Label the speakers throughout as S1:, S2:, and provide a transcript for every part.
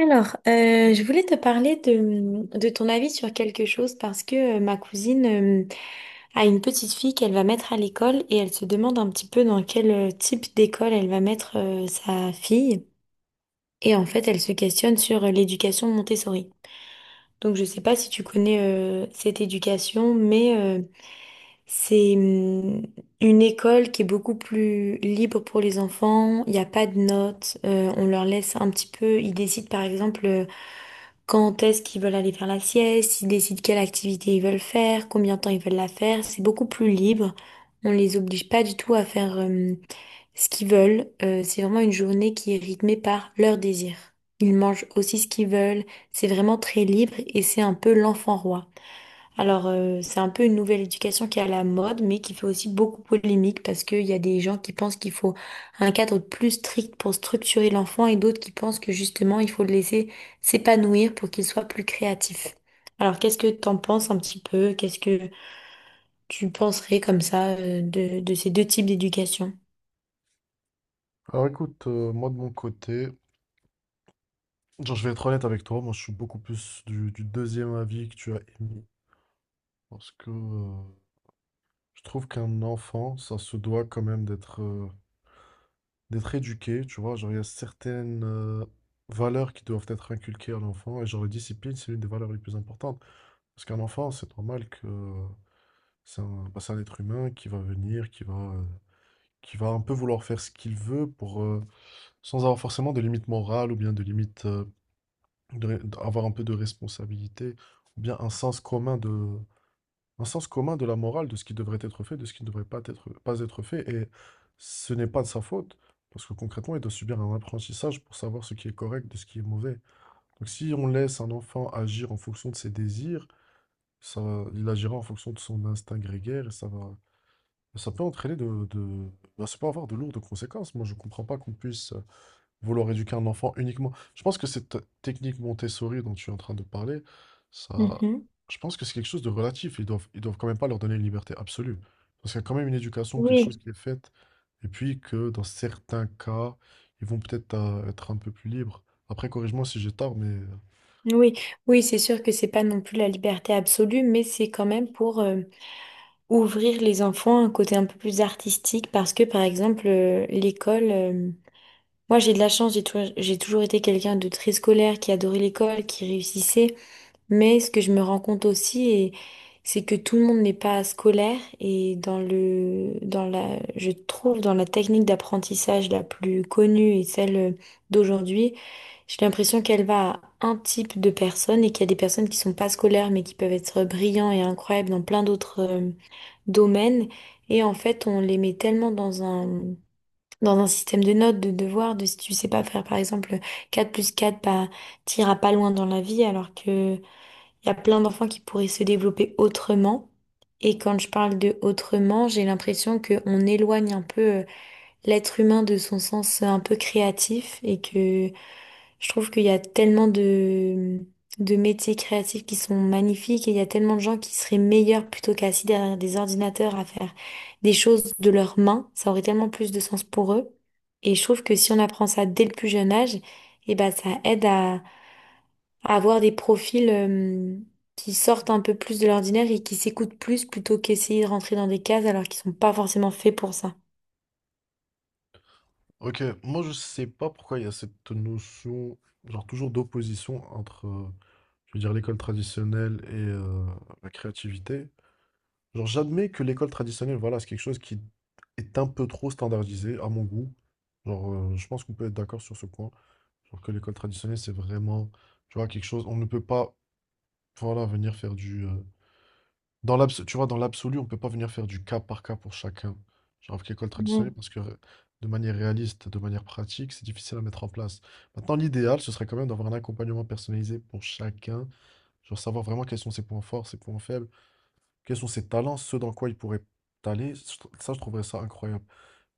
S1: Je voulais te parler de ton avis sur quelque chose parce que ma cousine euh, a une petite fille qu'elle va mettre à l'école et elle se demande un petit peu dans quel type d'école elle va mettre sa fille. Et en fait, elle se questionne sur l'éducation Montessori. Donc, je ne sais pas si tu connais cette éducation, mais c'est une école qui est beaucoup plus libre pour les enfants. Il n'y a pas de notes. On leur laisse un petit peu. Ils décident, par exemple. Quand est-ce qu'ils veulent aller faire la sieste, ils décident quelle activité ils veulent faire, combien de temps ils veulent la faire, c'est beaucoup plus libre. On les oblige pas du tout à faire ce qu'ils veulent. C'est vraiment une journée qui est rythmée par leurs désirs. Ils mangent aussi ce qu'ils veulent, c'est vraiment très libre et c'est un peu l'enfant roi. Alors, c'est un peu une nouvelle éducation qui est à la mode, mais qui fait aussi beaucoup polémique parce qu'il y a des gens qui pensent qu'il faut un cadre plus strict pour structurer l'enfant et d'autres qui pensent que justement, il faut le laisser s'épanouir pour qu'il soit plus créatif. Alors, qu'est-ce que t'en penses un petit peu? Qu'est-ce que tu penserais comme ça, de ces deux types d'éducation?
S2: Alors écoute, moi de mon côté, genre je vais être honnête avec toi, moi je suis beaucoup plus du deuxième avis que tu as émis. Parce que je trouve qu'un enfant, ça se doit quand même d'être éduqué, tu vois. Genre il y a certaines valeurs qui doivent être inculquées à l'enfant, et genre la discipline, c'est l'une des valeurs les plus importantes. Parce qu'un enfant, c'est normal que c'est un, bah, c'est un être humain qui va venir, qui va un peu vouloir faire ce qu'il veut sans avoir forcément de limites morales ou bien de limites, d'avoir un peu de responsabilité, ou bien un sens commun de la morale, de ce qui devrait être fait, de ce qui ne devrait pas être fait. Et ce n'est pas de sa faute, parce que concrètement, il doit subir un apprentissage pour savoir ce qui est correct de ce qui est mauvais. Donc si on laisse un enfant agir en fonction de ses désirs, ça, il agira en fonction de son instinct grégaire et ça peut entraîner ça peut avoir de lourdes conséquences. Moi, je ne comprends pas qu'on puisse vouloir éduquer un enfant uniquement. Je pense que cette technique Montessori dont tu es en train de parler, ça,
S1: Mhm.
S2: je pense que c'est quelque chose de relatif. Ils doivent quand même pas leur donner une liberté absolue. Parce qu'il y a quand même une éducation, quelque chose
S1: Oui,
S2: qui est faite. Et puis que dans certains cas, ils vont peut-être être un peu plus libres. Après, corrige-moi si j'ai tort, mais...
S1: oui, oui, c'est sûr que c'est pas non plus la liberté absolue, mais c'est quand même pour ouvrir les enfants à un côté un peu plus artistique parce que par exemple l'école moi j'ai de la chance j'ai toujours été quelqu'un de très scolaire qui adorait l'école qui réussissait mais ce que je me rends compte aussi et c'est que tout le monde n'est pas scolaire et dans le dans la je trouve dans la technique d'apprentissage la plus connue et celle d'aujourd'hui j'ai l'impression qu'elle va à un type de personnes et qu'il y a des personnes qui sont pas scolaires mais qui peuvent être brillants et incroyables dans plein d'autres domaines. Et en fait, on les met tellement dans dans un système de notes, de devoirs, de si tu sais pas faire par exemple 4 plus quatre, t'iras pas loin dans la vie, alors que il y a plein d'enfants qui pourraient se développer autrement. Et quand je parle de autrement, j'ai l'impression qu'on éloigne un peu l'être humain de son sens un peu créatif et que je trouve qu'il y a tellement de métiers créatifs qui sont magnifiques et il y a tellement de gens qui seraient meilleurs plutôt qu'assis derrière des ordinateurs à faire des choses de leurs mains. Ça aurait tellement plus de sens pour eux. Et je trouve que si on apprend ça dès le plus jeune âge, eh ben, ça aide à avoir des profils, qui sortent un peu plus de l'ordinaire et qui s'écoutent plus plutôt qu'essayer de rentrer dans des cases alors qu'ils sont pas forcément faits pour ça.
S2: Ok, moi je sais pas pourquoi il y a cette notion, genre toujours d'opposition entre, je veux dire, l'école traditionnelle et la créativité. Genre, j'admets que l'école traditionnelle, voilà, c'est quelque chose qui est un peu trop standardisé à mon goût. Genre, je pense qu'on peut être d'accord sur ce point. Genre que l'école traditionnelle, c'est vraiment, tu vois, quelque chose, on ne peut pas, voilà, venir faire du... tu vois, dans l'absolu, on ne peut pas venir faire du cas par cas pour chacun. Genre avec l'école
S1: Mm,
S2: traditionnelle, parce que de manière réaliste, de manière pratique, c'est difficile à mettre en place. Maintenant, l'idéal, ce serait quand même d'avoir un accompagnement personnalisé pour chacun. Genre savoir vraiment quels sont ses points forts, ses points faibles, quels sont ses talents, ceux dans quoi il pourrait aller? Ça, je trouverais ça incroyable.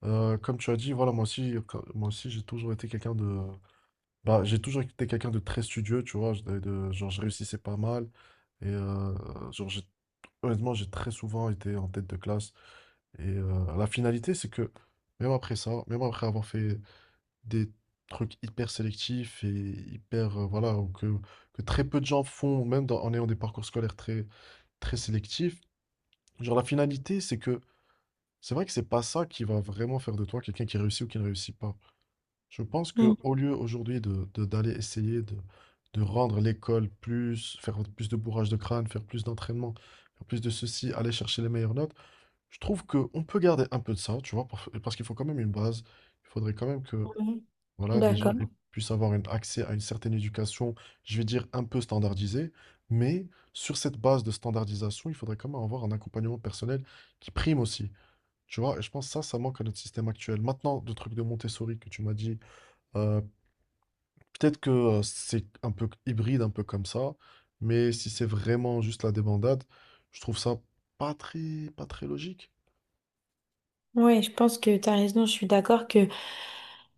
S2: Comme tu as dit, voilà, moi aussi, j'ai toujours été quelqu'un de, j'ai toujours été quelqu'un de très studieux, tu vois, je réussissais pas mal, et honnêtement, j'ai très souvent été en tête de classe. Et la finalité, c'est que même après ça, même après avoir fait des trucs hyper sélectifs et hyper, voilà, que très peu de gens font, en ayant des parcours scolaires très très sélectif. Genre, la finalité, c'est que c'est vrai que c'est pas ça qui va vraiment faire de toi quelqu'un qui réussit ou qui ne réussit pas. Je pense que
S1: mm,
S2: au lieu aujourd'hui de, d'aller essayer de rendre l'école plus, faire plus de bourrage de crâne, faire plus d'entraînement, faire plus de ceci, aller chercher les meilleures notes, je trouve que on peut garder un peu de ça, tu vois, pour- parce qu'il faut quand même une base. Il faudrait quand même que
S1: je suis
S2: voilà, les gens aient-
S1: d'accord.
S2: puissent avoir un accès à une certaine éducation, je vais dire un peu standardisée, mais sur cette base de standardisation, il faudrait quand même avoir un accompagnement personnel qui prime aussi. Tu vois, et je pense que ça manque à notre système actuel. Maintenant, le truc de Montessori que tu m'as dit, euh, peut-être que c'est un peu hybride, un peu comme ça, mais si c'est vraiment juste la débandade, je trouve ça pas très, pas très logique.
S1: Oui, je pense que tu as raison. Je suis d'accord que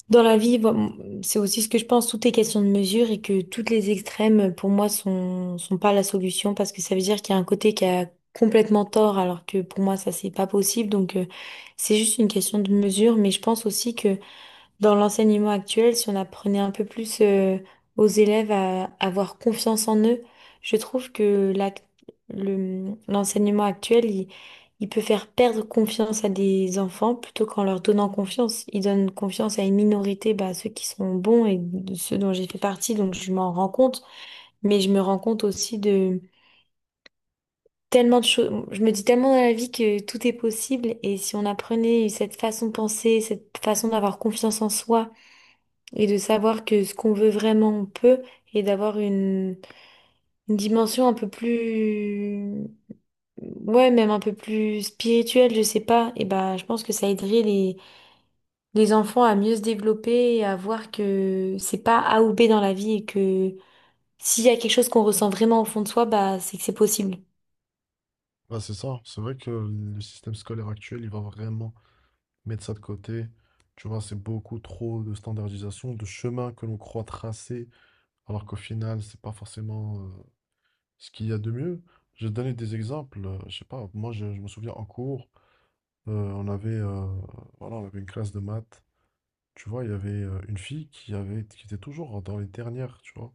S1: dans la vie, voilà, c'est aussi ce que je pense, tout est question de mesure et que toutes les extrêmes, pour moi, sont pas la solution parce que ça veut dire qu'il y a un côté qui a complètement tort alors que pour moi, ça, c'est pas possible. Donc, c'est juste une question de mesure, mais je pense aussi que dans l'enseignement actuel, si on apprenait un peu plus aux élèves à avoir confiance en eux, je trouve que l'enseignement actuel, il peut faire perdre confiance à des enfants plutôt qu'en leur donnant confiance. Il donne confiance à une minorité, bah, ceux qui sont bons et de ceux dont j'ai fait partie, donc je m'en rends compte. Mais je me rends compte aussi de tellement de choses. Je me dis tellement dans la vie que tout est possible et si on apprenait cette façon de penser, cette façon d'avoir confiance en soi, et de savoir que ce qu'on veut vraiment, on peut, et d'avoir une dimension un peu plus, ouais, même un peu plus spirituelle, je sais pas, et bah, je pense que ça aiderait les enfants à mieux se développer et à voir que c'est pas A ou B dans la vie et que s'il y a quelque chose qu'on ressent vraiment au fond de soi, bah, c'est que c'est possible.
S2: Ouais, c'est ça, c'est vrai que le système scolaire actuel, il va vraiment mettre ça de côté. Tu vois, c'est beaucoup trop de standardisation, de chemin que l'on croit tracer, alors qu'au final, c'est pas forcément ce qu'il y a de mieux. Je vais te donner des exemples. Je sais pas, moi, je me souviens en cours. On avait, voilà, on avait une classe de maths, tu vois? Il y avait une fille qui était toujours dans les dernières, tu vois?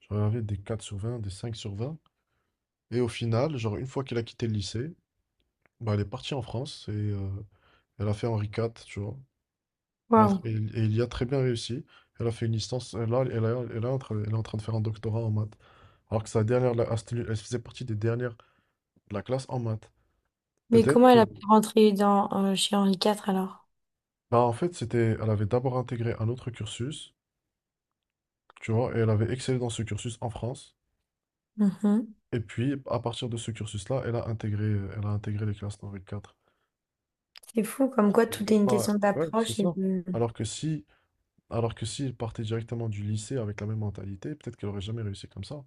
S2: Genre, elle avait des 4/20, des 5/20, et au final, genre, une fois qu'elle a quitté le lycée, elle est partie en France et elle a fait Henri IV, tu vois? Elle a tr
S1: Waouh.
S2: et il y a très bien réussi. Elle a fait une licence et là elle a elle est en train elle est en train de faire un doctorat en maths. Alors que sa dernière là, ah, elle faisait partie des dernières de la classe en maths.
S1: Mais
S2: Peut-être
S1: comment
S2: que
S1: elle a pu rentrer dans, chez Henri quatre alors?
S2: en fait, c'était elle avait d'abord intégré un autre cursus. Tu vois, et elle avait excellé dans ce cursus en France.
S1: Mhm.
S2: Et puis, à partir de ce cursus-là, elle a intégré les classes dans le 4.
S1: C'est fou, comme quoi
S2: J'aurais
S1: tout est
S2: Ouais,
S1: une
S2: pas-
S1: question
S2: ouais, c'est
S1: d'approche et
S2: ça.
S1: de...
S2: Alors que si, alors que si elle partait directement du lycée avec la même mentalité, peut-être qu'elle aurait jamais réussi comme ça.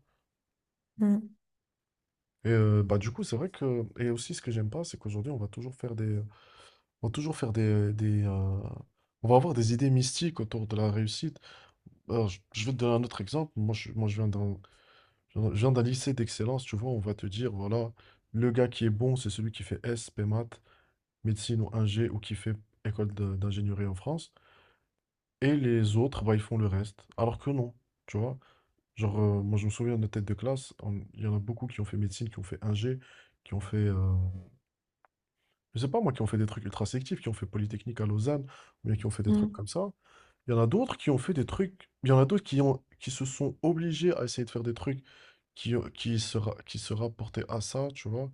S1: Mm,
S2: Et bah du coup, c'est vrai que, et aussi ce que j'aime pas, c'est qu'aujourd'hui on va toujours faire des, on va avoir des idées mystiques autour de la réussite. Alors, je vais te donner un autre exemple. Moi, je viens d'un je viens d'un lycée d'excellence, tu vois, on va te dire, voilà, le gars qui est bon, c'est celui qui fait S, P maths, médecine ou ingé, ou qui fait école d'ingénierie en France, et les autres, bah, ils font le reste. Alors que non, tu vois. Genre, moi, je me souviens de nos têtes de classe, on- il y en a beaucoup qui ont fait médecine, qui ont fait ingé, qui ont fait je sais pas, moi, qui ont fait des trucs ultra sélectifs, qui ont fait Polytechnique à Lausanne, ou bien qui ont fait des trucs
S1: mm,
S2: comme ça. Il y en a d'autres qui ont fait des trucs. Il y en a d'autres qui ont, qui se sont obligés à essayer de faire des trucs qui se rapportaient à ça, tu vois.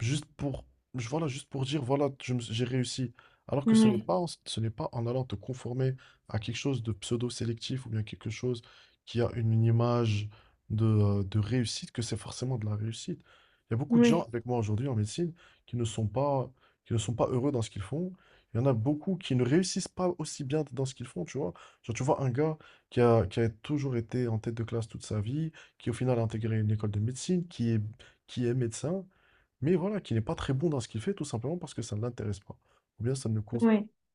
S2: Juste pour, voilà, juste pour dire, voilà, j'ai réussi. Alors que
S1: Ouais,
S2: ce n'est pas en allant te conformer à quelque chose de pseudo-sélectif ou bien quelque chose qui a une image de réussite que c'est forcément de la réussite. Il y a beaucoup de gens
S1: ouais,
S2: avec moi aujourd'hui en médecine qui ne sont pas, qui ne sont pas heureux dans ce qu'ils font. Il y en a beaucoup qui ne réussissent pas aussi bien dans ce qu'ils font, tu vois. Genre, tu vois un gars qui a toujours été en tête de classe toute sa vie, qui au final a intégré une école de médecine, qui est médecin mais voilà, qui n'est pas très bon dans ce qu'il fait, tout simplement parce que ça ne l'intéresse pas. Ou bien ça ne, cons-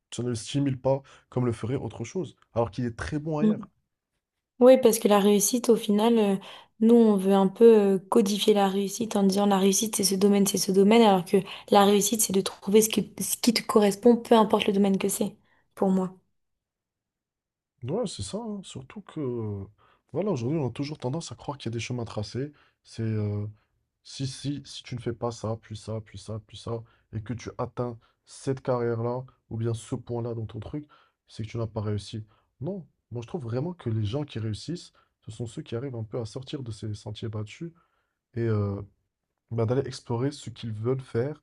S2: ça ne le stimule pas comme le ferait autre chose, alors qu'il est très bon ailleurs.
S1: ouais. Oui, parce que la réussite, au final, nous, on veut un peu codifier la réussite en disant la réussite, c'est ce domaine, alors que la réussite, c'est de trouver ce qui te correspond, peu importe le domaine que c'est, pour moi.
S2: Ouais, c'est ça, hein. Voilà, aujourd'hui, on a toujours tendance à croire qu'il y a des chemins tracés. C'est, euh, si, si tu ne fais pas ça, puis ça, puis ça, puis ça, et que tu atteins cette carrière-là, ou bien ce point-là dans ton truc, c'est que tu n'as pas réussi. Non, moi je trouve vraiment que les gens qui réussissent, ce sont ceux qui arrivent un peu à sortir de ces sentiers battus et bah, d'aller explorer ce qu'ils veulent faire.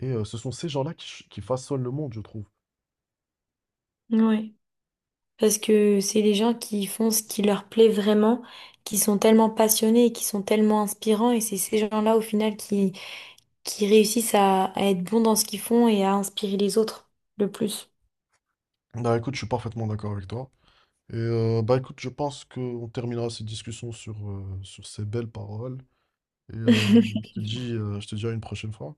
S2: Et ce sont ces gens-là qui façonnent le monde, je trouve.
S1: Oui. Parce que c'est les gens qui font ce qui leur plaît vraiment, qui sont tellement passionnés et qui sont tellement inspirants, et c'est ces gens-là, au final, qui réussissent à être bons dans ce qu'ils font et à inspirer les autres le plus.
S2: Bah écoute, je suis parfaitement d'accord avec toi. Et bah écoute, je pense qu'on terminera cette discussion sur ces belles paroles. Et je te dis à une prochaine fois.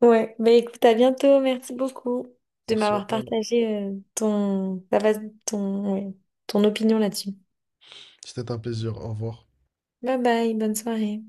S1: Ouais, bah écoute, à bientôt. Merci beaucoup de
S2: Merci à
S1: m'avoir
S2: toi.
S1: partagé ton, ouais, ton opinion là-dessus.
S2: C'était un plaisir. Au revoir.
S1: Bye bye, bonne soirée.